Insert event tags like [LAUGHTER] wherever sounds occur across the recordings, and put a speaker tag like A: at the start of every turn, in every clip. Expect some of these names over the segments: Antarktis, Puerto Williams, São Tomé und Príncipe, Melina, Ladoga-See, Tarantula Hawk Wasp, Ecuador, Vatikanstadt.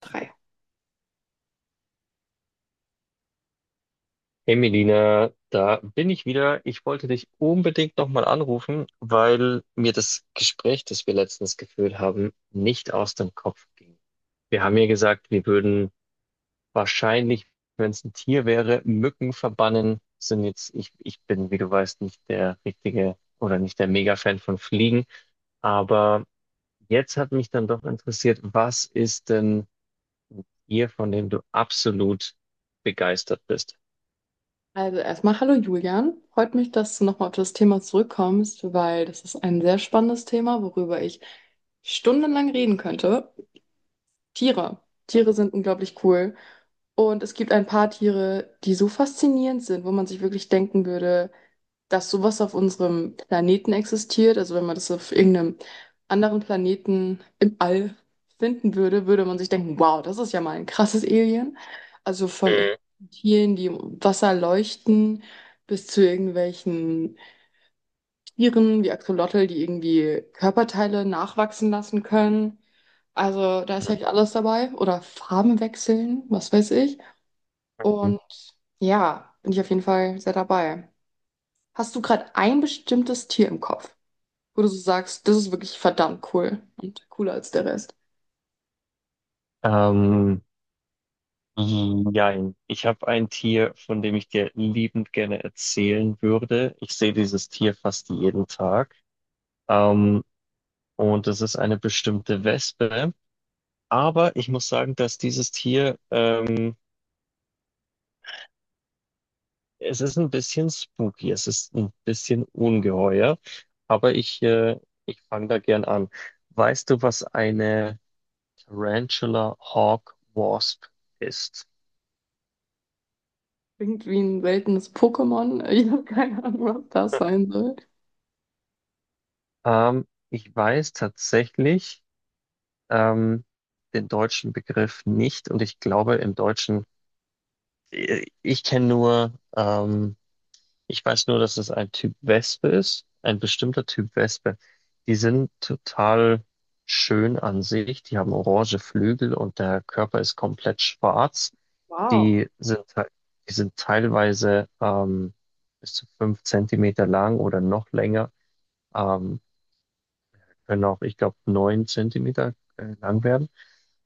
A: Drei.
B: Hey Melina, da bin ich wieder. Ich wollte dich unbedingt nochmal anrufen, weil mir das Gespräch, das wir letztens geführt haben, nicht aus dem Kopf ging. Wir haben ja gesagt, wir würden wahrscheinlich, wenn es ein Tier wäre, Mücken verbannen. Sind jetzt, ich bin, wie du weißt, nicht der richtige oder nicht der Mega-Fan von Fliegen. Aber jetzt hat mich dann doch interessiert, was ist denn ein Tier, von dem du absolut begeistert bist?
A: Also erstmal hallo Julian. Freut mich, dass du nochmal auf das Thema zurückkommst, weil das ist ein sehr spannendes Thema, worüber ich stundenlang reden könnte. Tiere. Tiere sind unglaublich cool. Und es gibt ein paar Tiere, die so faszinierend sind, wo man sich wirklich denken würde, dass sowas auf unserem Planeten existiert. Also wenn man das auf irgendeinem anderen Planeten im All finden würde, würde man sich denken, wow, das ist ja mal ein krasses Alien. Also von
B: Mhm.
A: irgendwelchen Tieren, die im Wasser leuchten, bis zu irgendwelchen Tieren wie Axolotl, die irgendwie Körperteile nachwachsen lassen können. Also da ist ja alles dabei. Oder Farben wechseln, was weiß ich.
B: Mhm.
A: Und ja, bin ich auf jeden Fall sehr dabei. Hast du gerade ein bestimmtes Tier im Kopf, wo du so sagst, das ist wirklich verdammt cool und cooler als der Rest?
B: Ähm, Nein, ich habe ein Tier, von dem ich dir liebend gerne erzählen würde. Ich sehe dieses Tier fast jeden Tag. Ähm, und es ist eine bestimmte Wespe. Aber ich muss sagen, dass dieses Tier es ist ein bisschen spooky es ist ein bisschen ungeheuer. Aber ich fange da gern an. Weißt du, was eine Tarantula Hawk Wasp ist?
A: Irgendwie ein seltenes Pokémon? [LAUGHS] Ich habe keine Ahnung, was das sein soll.
B: Ich weiß tatsächlich. ähm, den deutschen Begriff nicht. Und ich glaube, im Deutschen, ich kenne nur, ich weiß nur, dass es ein Typ Wespe ist, ein bestimmter Typ Wespe. Die sind total schön an sich. Die haben orange Flügel und der Körper ist komplett schwarz.
A: Wow,
B: Die sind, te- die sind teilweise bis zu 5 Zentimeter lang oder noch länger. Ähm, Können auch, ich glaube, 9 Zentimeter lang werden.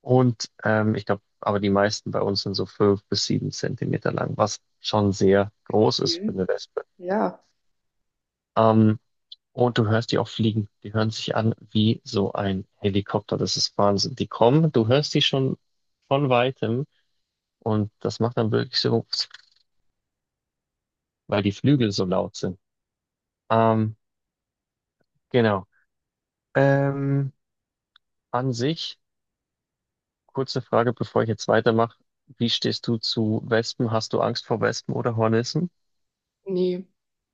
B: Und ich glaube, aber die meisten bei uns sind so 5 bis 7 Zentimeter lang, was schon sehr groß ist für
A: viel.
B: eine Wespe.
A: Ja,
B: Ähm, und du hörst die auch fliegen. Die hören sich an wie so ein Helikopter. Das ist Wahnsinn. Die kommen, du hörst die schon von weitem und das macht dann wirklich so, weil die Flügel so laut sind. Ähm, genau. Ähm, An sich, kurze Frage, bevor ich jetzt weitermache. Wie stehst du zu Wespen? Hast du Angst vor Wespen oder Hornissen?
A: nee.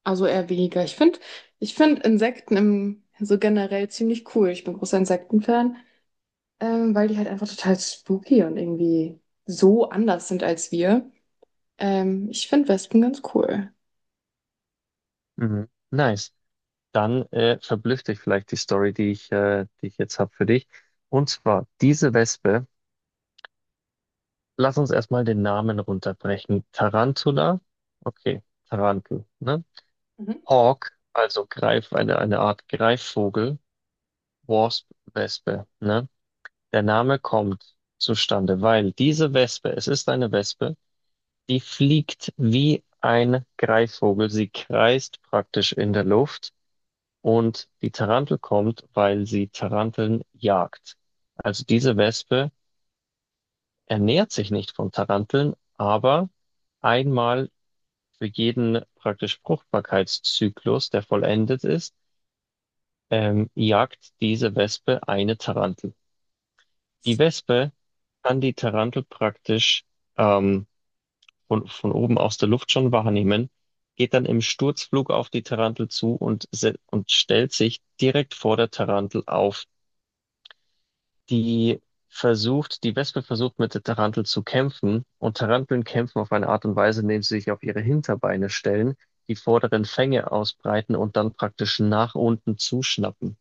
A: Also eher weniger. Ich finde, ich find Insekten im, so generell ziemlich cool. Ich bin großer Insektenfan, weil die halt einfach total spooky und irgendwie so anders sind als wir. Ich finde Wespen ganz cool.
B: Mhm. Nice. Dann verblüfft dich vielleicht die Story, die ich jetzt habe für dich. Und zwar diese Wespe, lass uns erstmal den Namen runterbrechen. Tarantula, okay, Tarantel, ne?
A: Mhm.
B: Hawk, also Greif, eine Art Greifvogel. Wasp, Wespe, ne? Der Name kommt zustande, weil diese Wespe, es ist eine Wespe, die fliegt wie ein Greifvogel. Sie kreist praktisch in der Luft. Und die Tarantel kommt, weil sie Taranteln jagt. Also diese Wespe ernährt sich nicht von Taranteln, aber einmal für jeden praktisch Fruchtbarkeitszyklus, der vollendet ist, jagt diese Wespe eine Tarantel. Die Wespe kann die Tarantel praktisch ähm, von oben aus der Luft schon wahrnehmen, geht dann im Sturzflug auf die Tarantel zu und stellt sich direkt vor der Tarantel auf. die die Wespe versucht mit der Tarantel zu kämpfen, und Taranteln kämpfen auf eine Art und Weise, indem sie sich auf ihre Hinterbeine stellen, die vorderen Fänge ausbreiten und dann praktisch nach unten zuschnappen.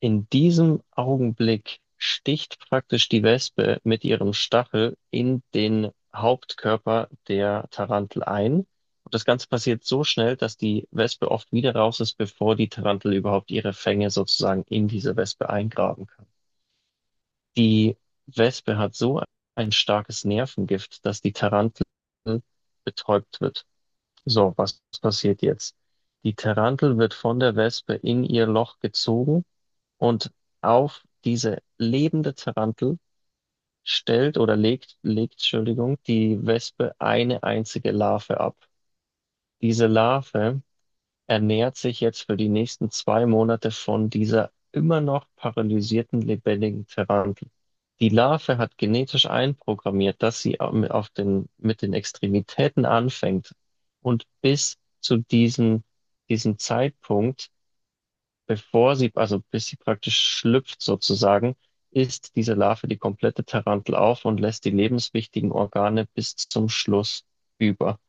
B: In diesem Augenblick sticht praktisch die Wespe mit ihrem Stachel in den Hauptkörper der Tarantel ein. Und das Ganze passiert so schnell, dass die Wespe oft wieder raus ist, bevor die Tarantel überhaupt ihre Fänge sozusagen in diese Wespe eingraben kann. Die Wespe hat so ein starkes Nervengift, dass die Tarantel betäubt wird. So, was passiert jetzt? Die Tarantel wird von der Wespe in ihr Loch gezogen, und auf diese lebende Tarantel stellt oder legt, Entschuldigung, die Wespe eine einzige Larve ab. Diese Larve er nähert sich jetzt für die nächsten 2 Monate von dieser immer noch paralysierten lebendigen Tarantel. Die Larve hat genetisch einprogrammiert, dass sie mit den Extremitäten anfängt. Und bis zu diesem Zeitpunkt, bevor sie, also bis sie praktisch schlüpft sozusagen, isst diese Larve die komplette Tarantel auf und lässt die lebenswichtigen Organe bis zum Schluss über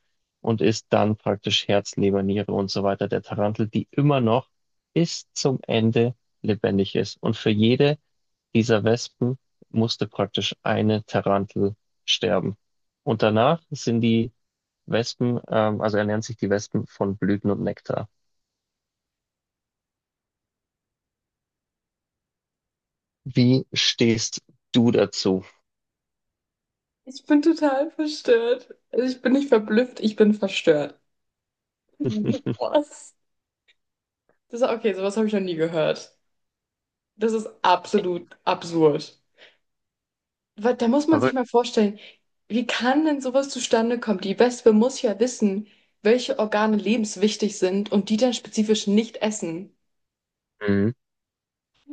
B: und ist dann praktisch Herz, Leber, Niere und so weiter der Tarantel, die immer noch bis zum Ende lebendig ist. Und für jede dieser Wespen musste praktisch eine Tarantel sterben. Und danach also ernähren sich die Wespen von Blüten und Nektar. Wie stehst du dazu?
A: Ich bin total verstört. Also ich bin nicht verblüfft, ich bin verstört. Mhm. Was? Das ist okay, sowas habe ich noch nie gehört. Das ist absolut absurd. Weil da muss man sich
B: Verrückt.
A: mal vorstellen, wie kann denn sowas zustande kommen? Die Wespe muss ja wissen, welche Organe lebenswichtig sind und die dann spezifisch nicht essen.
B: Mhm.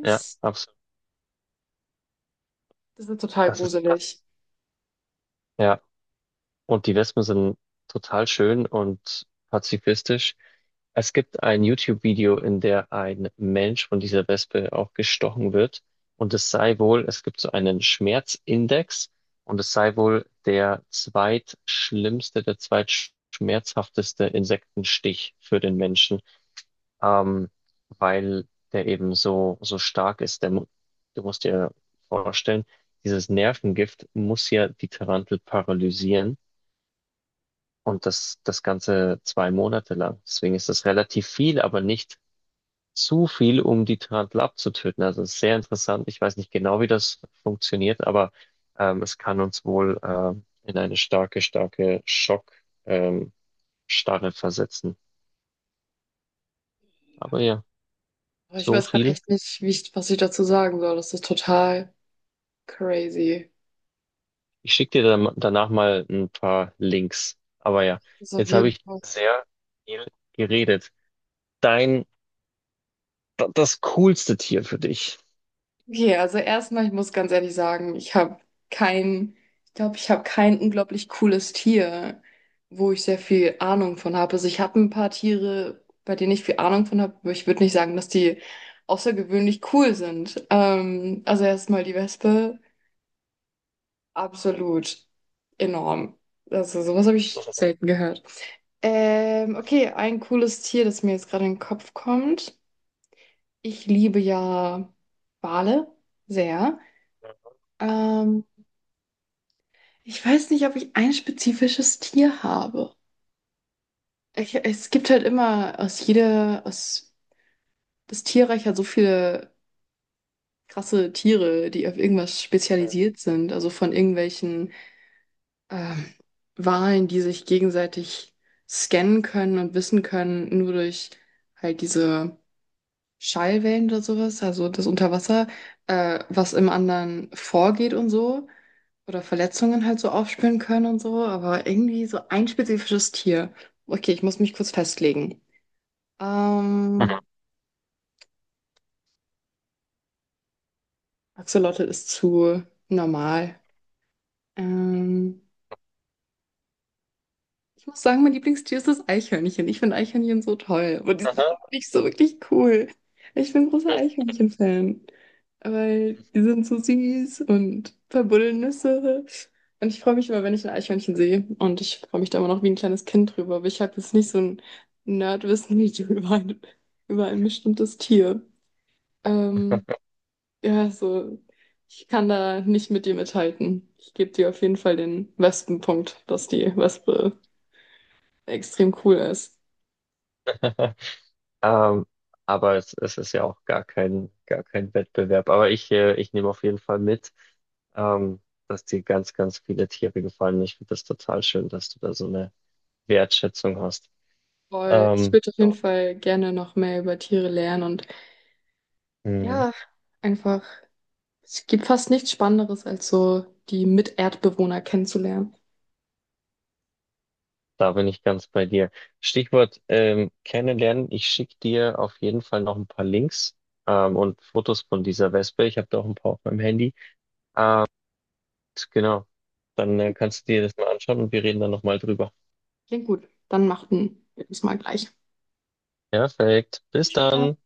B: Ja, absolut.
A: das ist total
B: Das ist krass.
A: gruselig.
B: Ja. Und die Wespen sind total schön und pazifistisch. Es gibt ein YouTube-Video, in der ein Mensch von dieser Wespe auch gestochen wird. Und es sei wohl, es gibt so einen Schmerzindex, und es sei wohl der zweitschlimmste, der zweitschmerzhafteste Insektenstich für den Menschen. ähm, weil der eben so, so stark ist. Du musst dir vorstellen, dieses Nervengift muss ja die Tarantel paralysieren, und das Ganze 2 Monate lang. Deswegen ist das relativ viel, aber nicht zu viel, um die Tarantel abzutöten. Also es ist sehr interessant. Ich weiß nicht genau, wie das funktioniert, aber es kann uns wohl in eine starke, starke Schock-, ähm, Starre versetzen. Aber ja,
A: Aber ich
B: so
A: weiß gerade
B: viel.
A: echt nicht, wie ich, was ich dazu sagen soll. Das ist total crazy.
B: Ich schicke dir dann danach mal ein paar Links. Aber ja,
A: Das ist auf
B: jetzt habe
A: jeden
B: ich
A: Fall.
B: sehr viel geredet. Dein, Das coolste Tier für dich.
A: Okay, also erstmal, ich muss ganz ehrlich sagen, ich habe kein, ich glaube, ich habe kein unglaublich cooles Tier, wo ich sehr viel Ahnung von habe. Also ich habe ein paar Tiere, bei denen ich viel Ahnung von habe, aber ich würde nicht sagen, dass die außergewöhnlich cool sind. Also erstmal die Wespe, absolut enorm. Also sowas habe ich selten gehört. Okay, ein cooles Tier, das mir jetzt gerade in den Kopf kommt. Ich liebe ja Wale sehr. Ähm, Ich weiß nicht, ob ich ein spezifisches Tier habe. Ich, es gibt halt immer aus jeder, aus das Tierreich hat so viele krasse Tiere, die auf irgendwas spezialisiert sind. Also von irgendwelchen ähm, Walen, die sich gegenseitig scannen können und wissen können, nur durch halt diese Schallwellen oder sowas, also das Unterwasser, was im anderen vorgeht und so. Oder Verletzungen halt so aufspüren können und so, aber irgendwie so ein spezifisches Tier. Okay, ich muss mich kurz festlegen.
B: Mhm.
A: Ähm, Axolotl ist zu normal. Ähm, Ich muss sagen, mein Lieblingstier ist das Eichhörnchen. Ich finde Eichhörnchen so toll. Aber die sind nicht so wirklich cool. Ich bin großer Eichhörnchen-Fan. Weil die sind so süß und verbuddeln Nüsse. Und ich freue mich immer, wenn ich ein Eichhörnchen sehe. Und ich freue mich da immer noch wie ein kleines Kind drüber. Aber ich habe jetzt nicht so ein Nerdwissen wie du [LAUGHS] über ein bestimmtes Tier. Ähm, ja, so, ich kann da nicht mit dir mithalten. Ich gebe dir auf jeden Fall den Wespenpunkt, dass die Wespe extrem cool ist.
B: [LAUGHS] Ähm, aber es ist ja auch gar kein Wettbewerb. Aber ich nehme auf jeden Fall mit, ähm, dass dir ganz, ganz viele Tiere gefallen. Ich finde das total schön, dass du da so eine Wertschätzung hast.
A: Voll, ich
B: Ähm,
A: würde auf jeden Fall gerne noch mehr über Tiere lernen und
B: du,
A: ja, einfach, es gibt fast nichts Spannenderes, als so die Miterdbewohner kennenzulernen.
B: Da bin ich ganz bei dir. Stichwort kennenlernen. Ich schicke dir auf jeden Fall noch ein paar Links und Fotos von dieser Wespe. Ich habe da auch ein paar auf meinem Handy. Genau. Dann kannst du dir das mal anschauen, und wir reden dann nochmal drüber.
A: Klingt gut, dann machten wir das mal gleich.
B: Perfekt. Bis
A: Bis später.
B: dann.